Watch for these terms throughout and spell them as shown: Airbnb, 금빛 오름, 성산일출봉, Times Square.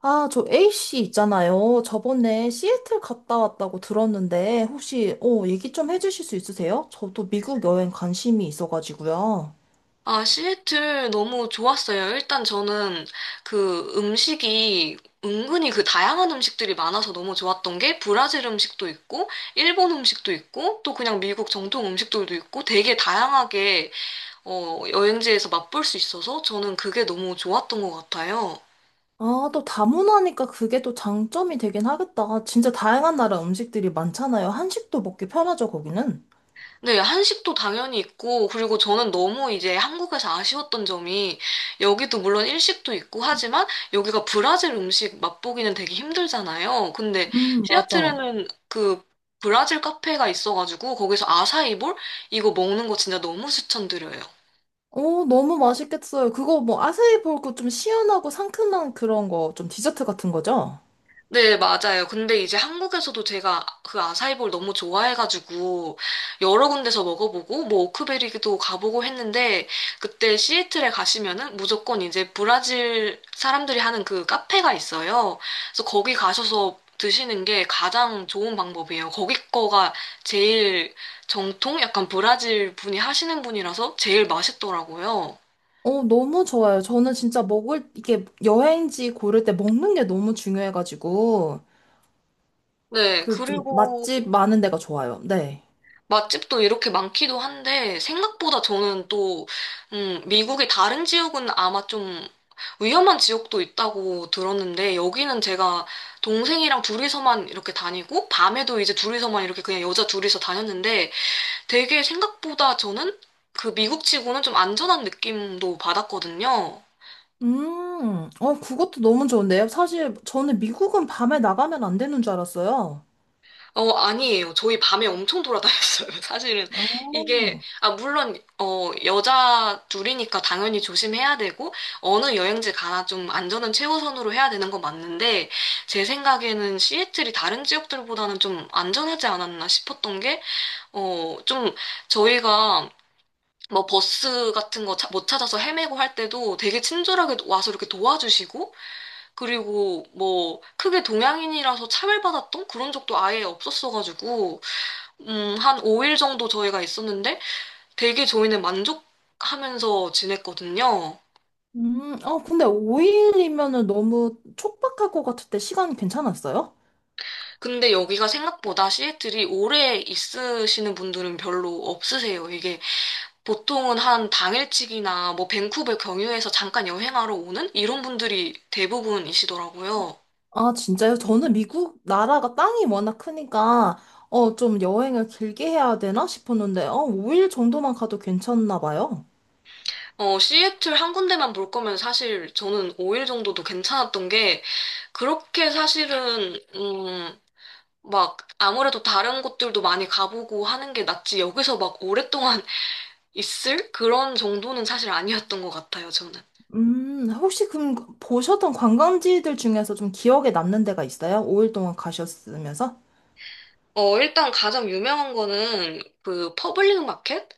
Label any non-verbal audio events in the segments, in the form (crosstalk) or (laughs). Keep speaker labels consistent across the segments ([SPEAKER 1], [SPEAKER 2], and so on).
[SPEAKER 1] 아, 저 A씨 있잖아요. 저번에 시애틀 갔다 왔다고 들었는데, 혹시, 얘기 좀 해주실 수 있으세요? 저도 미국 여행 관심이 있어가지고요.
[SPEAKER 2] 아, 시애틀 너무 좋았어요. 일단 저는 그 음식이 은근히 그 다양한 음식들이 많아서 너무 좋았던 게 브라질 음식도 있고, 일본 음식도 있고, 또 그냥 미국 정통 음식들도 있고, 되게 다양하게 여행지에서 맛볼 수 있어서 저는 그게 너무 좋았던 것 같아요.
[SPEAKER 1] 아, 또 다문화니까 그게 또 장점이 되긴 하겠다. 진짜 다양한 나라 음식들이 많잖아요. 한식도 먹기 편하죠, 거기는.
[SPEAKER 2] 네, 한식도 당연히 있고, 그리고 저는 너무 이제 한국에서 아쉬웠던 점이, 여기도 물론 일식도 있고 하지만, 여기가 브라질 음식 맛보기는 되게 힘들잖아요. 근데
[SPEAKER 1] 맞아.
[SPEAKER 2] 시애틀에는 그 브라질 카페가 있어가지고, 거기서 아사이볼? 이거 먹는 거 진짜 너무 추천드려요.
[SPEAKER 1] 어, 너무 맛있겠어요. 그거 뭐 아세이 볼고 좀 시원하고 상큼한 그런 거, 좀 디저트 같은 거죠?
[SPEAKER 2] 네, 맞아요. 근데 이제 한국에서도 제가 그 아사이볼 너무 좋아해가지고 여러 군데서 먹어보고 뭐 오크베리도 가보고 했는데 그때 시애틀에 가시면은 무조건 이제 브라질 사람들이 하는 그 카페가 있어요. 그래서 거기 가셔서 드시는 게 가장 좋은 방법이에요. 거기 거가 제일 정통? 약간 브라질 분이 하시는 분이라서 제일 맛있더라고요.
[SPEAKER 1] 어, 너무 좋아요. 저는 진짜 먹을, 이게 여행지 고를 때 먹는 게 너무 중요해가지고,
[SPEAKER 2] 네,
[SPEAKER 1] 그 좀
[SPEAKER 2] 그리고
[SPEAKER 1] 맛집 많은 데가 좋아요. 네.
[SPEAKER 2] 맛집도 이렇게 많기도 한데, 생각보다 저는 또, 미국의 다른 지역은 아마 좀 위험한 지역도 있다고 들었는데, 여기는 제가 동생이랑 둘이서만 이렇게 다니고, 밤에도 이제 둘이서만 이렇게 그냥 여자 둘이서 다녔는데, 되게 생각보다 저는 그 미국치고는 좀 안전한 느낌도 받았거든요.
[SPEAKER 1] 그것도 너무 좋은데요. 사실 저는 미국은 밤에 나가면 안 되는 줄 알았어요.
[SPEAKER 2] 어, 아니에요. 저희 밤에 엄청 돌아다녔어요. (laughs) 사실은
[SPEAKER 1] 아,
[SPEAKER 2] 이게, 아, 물론, 여자 둘이니까 당연히 조심해야 되고, 어느 여행지 가나 좀 안전은 최우선으로 해야 되는 건 맞는데, 제 생각에는 시애틀이 다른 지역들보다는 좀 안전하지 않았나 싶었던 게, 어, 좀 저희가 뭐 버스 같은 거 못 찾아서 헤매고 할 때도 되게 친절하게 와서 이렇게 도와주시고, 그리고 뭐 크게 동양인이라서 차별받았던 그런 적도 아예 없었어가지고, 한 5일 정도 저희가 있었는데 되게 저희는 만족하면서 지냈거든요.
[SPEAKER 1] 근데 5일이면은 너무 촉박할 것 같을 때 시간 괜찮았어요?
[SPEAKER 2] 근데 여기가 생각보다 시애틀이 오래 있으시는 분들은 별로 없으세요. 이게 보통은 한 당일치기나 뭐 밴쿠버 경유해서 잠깐 여행하러 오는 이런 분들이 대부분이시더라고요.
[SPEAKER 1] 아, 진짜요? 저는 미국 나라가 땅이 워낙 크니까, 좀 여행을 길게 해야 되나 싶었는데, 5일 정도만 가도 괜찮나 봐요.
[SPEAKER 2] 어, 시애틀 한 군데만 볼 거면 사실 저는 5일 정도도 괜찮았던 게 그렇게 사실은 막 아무래도 다른 곳들도 많이 가보고 하는 게 낫지 여기서 막 오랫동안 (laughs) 있을 그런 정도는 사실 아니었던 것 같아요, 저는.
[SPEAKER 1] 혹시 그럼 보셨던 관광지들 중에서 좀 기억에 남는 데가 있어요? 5일 동안 가셨으면서?
[SPEAKER 2] 어, 일단 가장 유명한 거는 그 퍼블릭 마켓?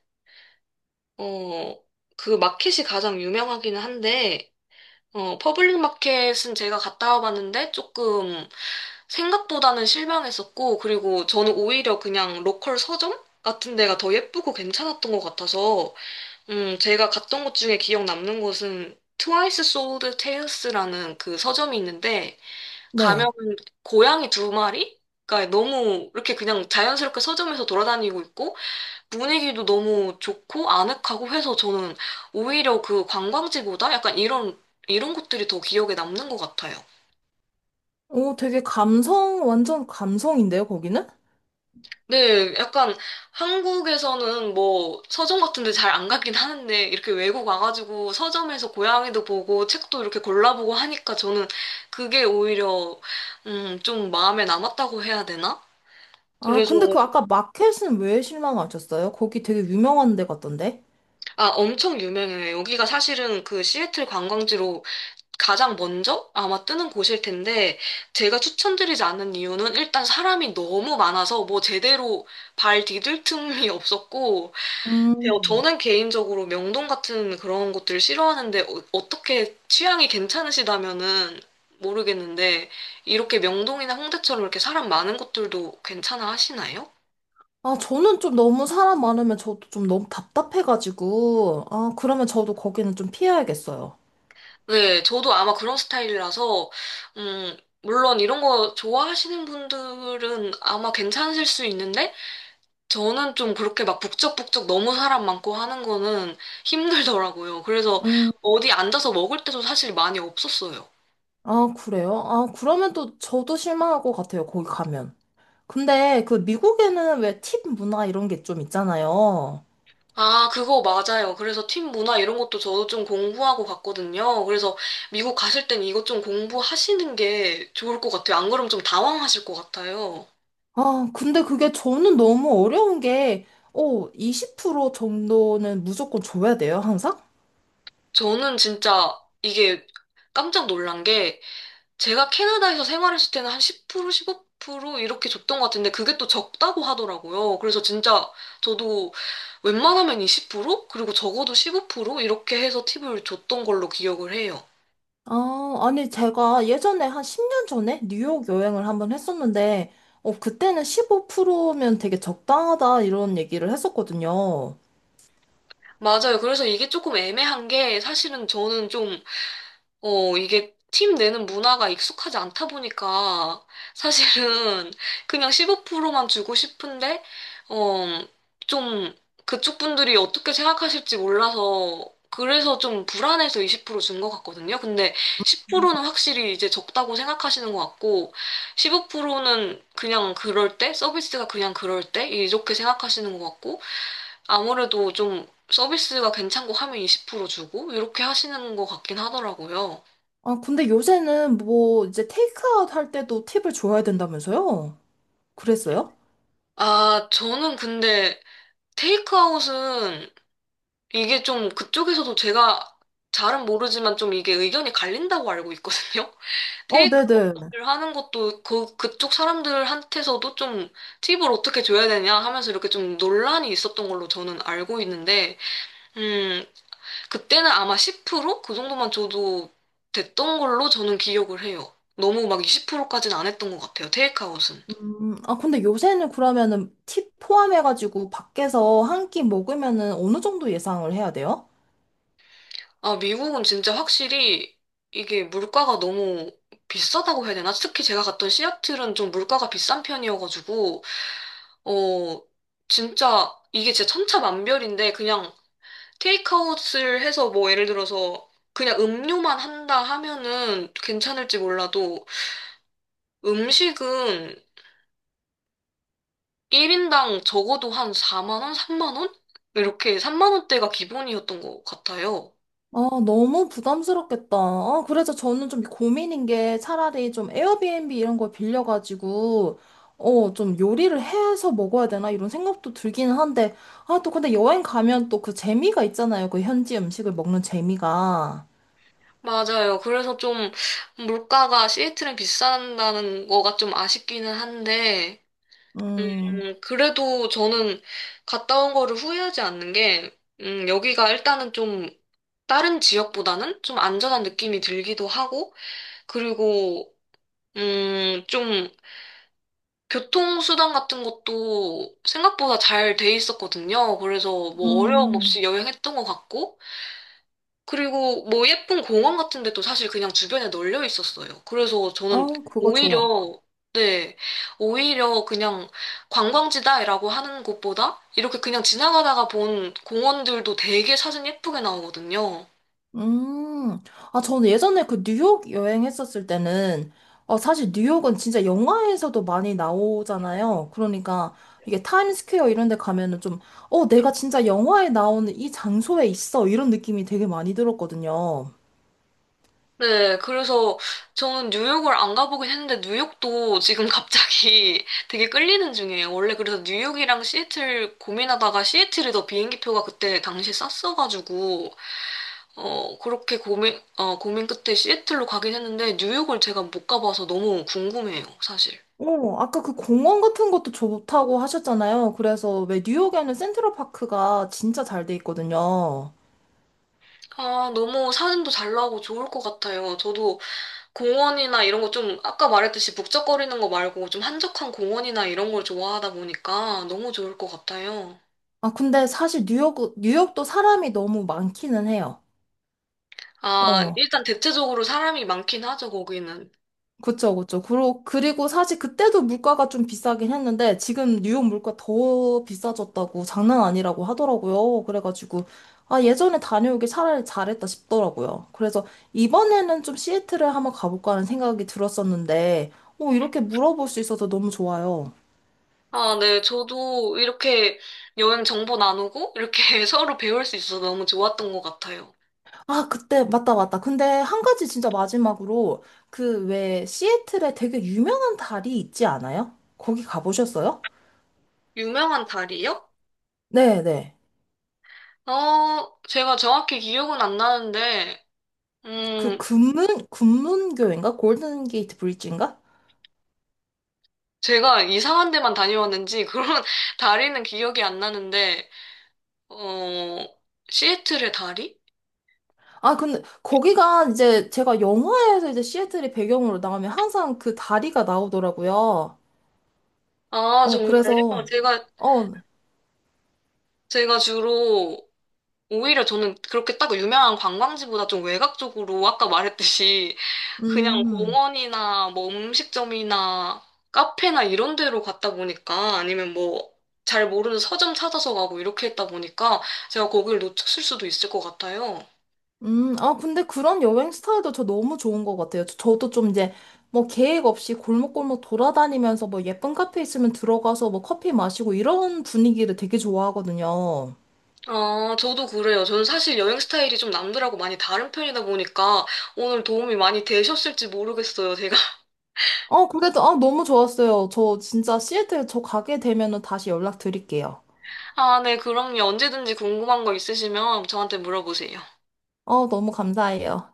[SPEAKER 2] 어, 그 마켓이 가장 유명하기는 한데, 퍼블릭 마켓은 제가 갔다 와봤는데 조금 생각보다는 실망했었고, 그리고 저는 오히려 그냥 로컬 서점 같은 데가 더 예쁘고 괜찮았던 것 같아서 제가 갔던 곳 중에 기억 남는 곳은 트와이스 소울드 테일스라는 그 서점이 있는데 가면
[SPEAKER 1] 네.
[SPEAKER 2] 고양이 두 마리가 너무 이렇게 그냥 자연스럽게 서점에서 돌아다니고 있고 분위기도 너무 좋고 아늑하고 해서 저는 오히려 그 관광지보다 약간 이런 곳들이 더 기억에 남는 것 같아요.
[SPEAKER 1] 오, 되게 감성, 완전 감성인데요, 거기는?
[SPEAKER 2] 네, 약간 한국에서는 뭐 서점 같은 데 잘 안 가긴 하는데 이렇게 외국 와가지고 서점에서 고양이도 보고 책도 이렇게 골라보고 하니까 저는 그게 오히려 좀 마음에 남았다고 해야 되나?
[SPEAKER 1] 아,
[SPEAKER 2] 그래서
[SPEAKER 1] 근데 그 아까 마켓은 왜 실망하셨어요? 거기 되게 유명한 데 같던데?
[SPEAKER 2] 아 엄청 유명해요. 여기가 사실은 그 시애틀 관광지로 가장 먼저 아마 뜨는 곳일 텐데 제가 추천드리지 않는 이유는 일단 사람이 너무 많아서 뭐 제대로 발 디딜 틈이 없었고 네,
[SPEAKER 1] 음.
[SPEAKER 2] 저는 개인적으로 명동 같은 그런 곳들을 싫어하는데 어, 떻게 취향이 괜찮으시다면은 모르겠는데 이렇게 명동이나 홍대처럼 이렇게 사람 많은 곳들도 괜찮아 하시나요?
[SPEAKER 1] 아, 저는 좀 너무 사람 많으면 저도 좀 너무 답답해가지고, 아, 그러면 저도 거기는 좀 피해야겠어요.
[SPEAKER 2] 네, 저도 아마 그런 스타일이라서 음, 물론 이런 거 좋아하시는 분들은 아마 괜찮으실 수 있는데 저는 좀 그렇게 막 북적북적 너무 사람 많고 하는 거는 힘들더라고요. 그래서
[SPEAKER 1] 음.
[SPEAKER 2] 어디 앉아서 먹을 때도 사실 많이 없었어요.
[SPEAKER 1] 아, 그래요? 아, 그러면 또 저도 실망할 것 같아요, 거기 가면. 근데 그 미국에는 왜 팁 문화 이런 게 좀 있잖아요.
[SPEAKER 2] 아, 그거 맞아요. 그래서 팀 문화 이런 것도 저도 좀 공부하고 갔거든요. 그래서 미국 가실 땐 이것 좀 공부하시는 게 좋을 것 같아요. 안 그러면 좀 당황하실 것 같아요.
[SPEAKER 1] 아, 근데 그게 저는 너무 어려운 게, 20% 정도는 무조건 줘야 돼요, 항상?
[SPEAKER 2] 저는 진짜 이게 깜짝 놀란 게 제가 캐나다에서 생활했을 때는 한 10%, 15% 이렇게 줬던 것 같은데 그게 또 적다고 하더라고요. 그래서 진짜 저도 웬만하면 20%? 그리고 적어도 15% 이렇게 해서 팁을 줬던 걸로 기억을 해요.
[SPEAKER 1] 아, 아니, 제가 예전에 한 10년 전에 뉴욕 여행을 한번 했었는데, 그때는 15%면 되게 적당하다, 이런 얘기를 했었거든요.
[SPEAKER 2] 맞아요. 그래서 이게 조금 애매한 게 사실은 저는 좀, 이게 팀 내는 문화가 익숙하지 않다 보니까 사실은 그냥 15%만 주고 싶은데, 어, 좀 그쪽 분들이 어떻게 생각하실지 몰라서 그래서 좀 불안해서 20%준 것 같거든요. 근데 10%는 확실히 이제 적다고 생각하시는 것 같고, 15%는 그냥 그럴 때, 서비스가 그냥 그럴 때, 이렇게 생각하시는 것 같고, 아무래도 좀 서비스가 괜찮고 하면 20% 주고 이렇게 하시는 것 같긴 하더라고요.
[SPEAKER 1] 아, 근데 요새는 뭐, 이제 테이크아웃 할 때도 팁을 줘야 된다면서요? 그랬어요?
[SPEAKER 2] 아, 저는 근데 테이크아웃은 이게 좀 그쪽에서도 제가 잘은 모르지만 좀 이게 의견이 갈린다고 알고 있거든요. (laughs)
[SPEAKER 1] 어, 네네.
[SPEAKER 2] 테이크아웃을 하는 것도 그쪽 사람들한테서도 좀 팁을 어떻게 줘야 되냐 하면서 이렇게 좀 논란이 있었던 걸로 저는 알고 있는데, 음, 그때는 아마 10%그 정도만 줘도 됐던 걸로 저는 기억을 해요. 너무 막 20%까지는 안 했던 것 같아요. 테이크아웃은.
[SPEAKER 1] 아, 근데 요새는 그러면은 팁 포함해가지고 밖에서 한 끼 먹으면은 어느 정도 예상을 해야 돼요?
[SPEAKER 2] 아, 미국은 진짜 확실히 이게 물가가 너무 비싸다고 해야 되나? 특히 제가 갔던 시애틀은 좀 물가가 비싼 편이어가지고, 어, 진짜 이게 진짜 천차만별인데 그냥 테이크아웃을 해서 뭐 예를 들어서 그냥 음료만 한다 하면은 괜찮을지 몰라도 음식은 1인당 적어도 한 4만 원, 3만 원? 이렇게 3만 원대가 기본이었던 것 같아요.
[SPEAKER 1] 아, 너무 부담스럽겠다. 아, 그래서 저는 좀 고민인 게 차라리 좀 에어비앤비 이런 걸 빌려가지고, 좀 요리를 해서 먹어야 되나 이런 생각도 들기는 한데, 아, 또 근데 여행 가면 또 그 재미가 있잖아요. 그 현지 음식을 먹는 재미가.
[SPEAKER 2] 맞아요. 그래서 좀 물가가 시애틀은 비싼다는 거가 좀 아쉽기는 한데,
[SPEAKER 1] 음,
[SPEAKER 2] 그래도 저는 갔다 온 거를 후회하지 않는 게, 여기가 일단은 좀 다른 지역보다는 좀 안전한 느낌이 들기도 하고, 그리고 좀 교통수단 같은 것도 생각보다 잘 돼 있었거든요. 그래서 뭐 어려움
[SPEAKER 1] 음,
[SPEAKER 2] 없이 여행했던 것 같고, 그리고 뭐 예쁜 공원 같은 데도 사실 그냥 주변에 널려 있었어요. 그래서 저는
[SPEAKER 1] 어, 그거 좋아.
[SPEAKER 2] 오히려, 네, 오히려 그냥 관광지다라고 하는 곳보다 이렇게 그냥 지나가다가 본 공원들도 되게 사진 예쁘게 나오거든요.
[SPEAKER 1] 음, 아, 저는 예전에 그 뉴욕 여행했었을 때는, 사실 뉴욕은 진짜 영화에서도 많이 나오잖아요. 그러니까 이게 타임스퀘어 이런 데 가면은 좀, 내가 진짜 영화에 나오는 이 장소에 있어. 이런 느낌이 되게 많이 들었거든요.
[SPEAKER 2] 네, 그래서 저는 뉴욕을 안 가보긴 했는데 뉴욕도 지금 갑자기 (laughs) 되게 끌리는 중이에요. 원래 그래서 뉴욕이랑 시애틀 고민하다가 시애틀이 더 비행기표가 그때 당시 쌌어가지고 그렇게 고민 끝에 시애틀로 가긴 했는데 뉴욕을 제가 못 가봐서 너무 궁금해요, 사실.
[SPEAKER 1] 어, 아까 그 공원 같은 것도 좋다고 하셨잖아요. 그래서 왜 뉴욕에는 센트럴 파크가 진짜 잘 돼 있거든요.
[SPEAKER 2] 아, 너무 사진도 잘 나오고 좋을 것 같아요. 저도 공원이나 이런 거 좀 아까 말했듯이 북적거리는 거 말고 좀 한적한 공원이나 이런 걸 좋아하다 보니까 너무 좋을 것 같아요.
[SPEAKER 1] 아, 근데 사실 뉴욕, 뉴욕도 사람이 너무 많기는 해요.
[SPEAKER 2] 아,
[SPEAKER 1] 어.
[SPEAKER 2] 일단 대체적으로 사람이 많긴 하죠, 거기는.
[SPEAKER 1] 그쵸. 그리고 사실 그때도 물가가 좀 비싸긴 했는데 지금 뉴욕 물가 더 비싸졌다고 장난 아니라고 하더라고요. 그래가지고 아, 예전에 다녀오길 차라리 잘했다 싶더라고요. 그래서 이번에는 좀 시애틀에 한번 가볼까 하는 생각이 들었었는데 오, 이렇게 물어볼 수 있어서 너무 좋아요.
[SPEAKER 2] 아, 네. 저도 이렇게 여행 정보 나누고 이렇게 (laughs) 서로 배울 수 있어서 너무 좋았던 것 같아요.
[SPEAKER 1] 아, 그때 맞다, 맞다. 근데 한 가지 진짜 마지막으로 그 왜 시애틀에 되게 유명한 달이 있지 않아요? 거기 가보셨어요?
[SPEAKER 2] 유명한 다리요?
[SPEAKER 1] 네, 네.
[SPEAKER 2] 어, 제가 정확히 기억은 안 나는데,
[SPEAKER 1] 그
[SPEAKER 2] 음,
[SPEAKER 1] 금문 금문교인가? 골든 게이트 브릿지인가?
[SPEAKER 2] 제가 이상한 데만 다녀왔는지 그런 (laughs) 다리는 기억이 안 나는데, 어, 시애틀의 다리?
[SPEAKER 1] 아 근데 거기가 이제 제가 영화에서 이제 시애틀이 배경으로 나오면 항상 그 다리가 나오더라고요.
[SPEAKER 2] 아,
[SPEAKER 1] 어
[SPEAKER 2] 정말요?
[SPEAKER 1] 그래서
[SPEAKER 2] 제가,
[SPEAKER 1] 어
[SPEAKER 2] 제가 주로 오히려 저는 그렇게 딱 유명한 관광지보다 좀 외곽적으로 아까 말했듯이 그냥
[SPEAKER 1] 음.
[SPEAKER 2] 공원이나 뭐 음식점이나 카페나 이런 데로 갔다 보니까 아니면 뭐 잘 모르는 서점 찾아서 가고 이렇게 했다 보니까 제가 거기를 놓쳤을 수도 있을 것 같아요.
[SPEAKER 1] 아, 근데 그런 여행 스타일도 저 너무 좋은 것 같아요. 저도 좀 이제 뭐 계획 없이 골목골목 돌아다니면서 뭐 예쁜 카페 있으면 들어가서 뭐 커피 마시고 이런 분위기를 되게 좋아하거든요.
[SPEAKER 2] 아, 저도 그래요. 저는 사실 여행 스타일이 좀 남들하고 많이 다른 편이다 보니까 오늘 도움이 많이 되셨을지 모르겠어요, 제가. (laughs)
[SPEAKER 1] 어, 그래도, 아, 너무 좋았어요. 저 진짜 시애틀 저 가게 되면은 다시 연락드릴게요.
[SPEAKER 2] 아, 네, 그럼요. 언제든지 궁금한 거 있으시면 저한테 물어보세요.
[SPEAKER 1] 어, 너무 감사해요.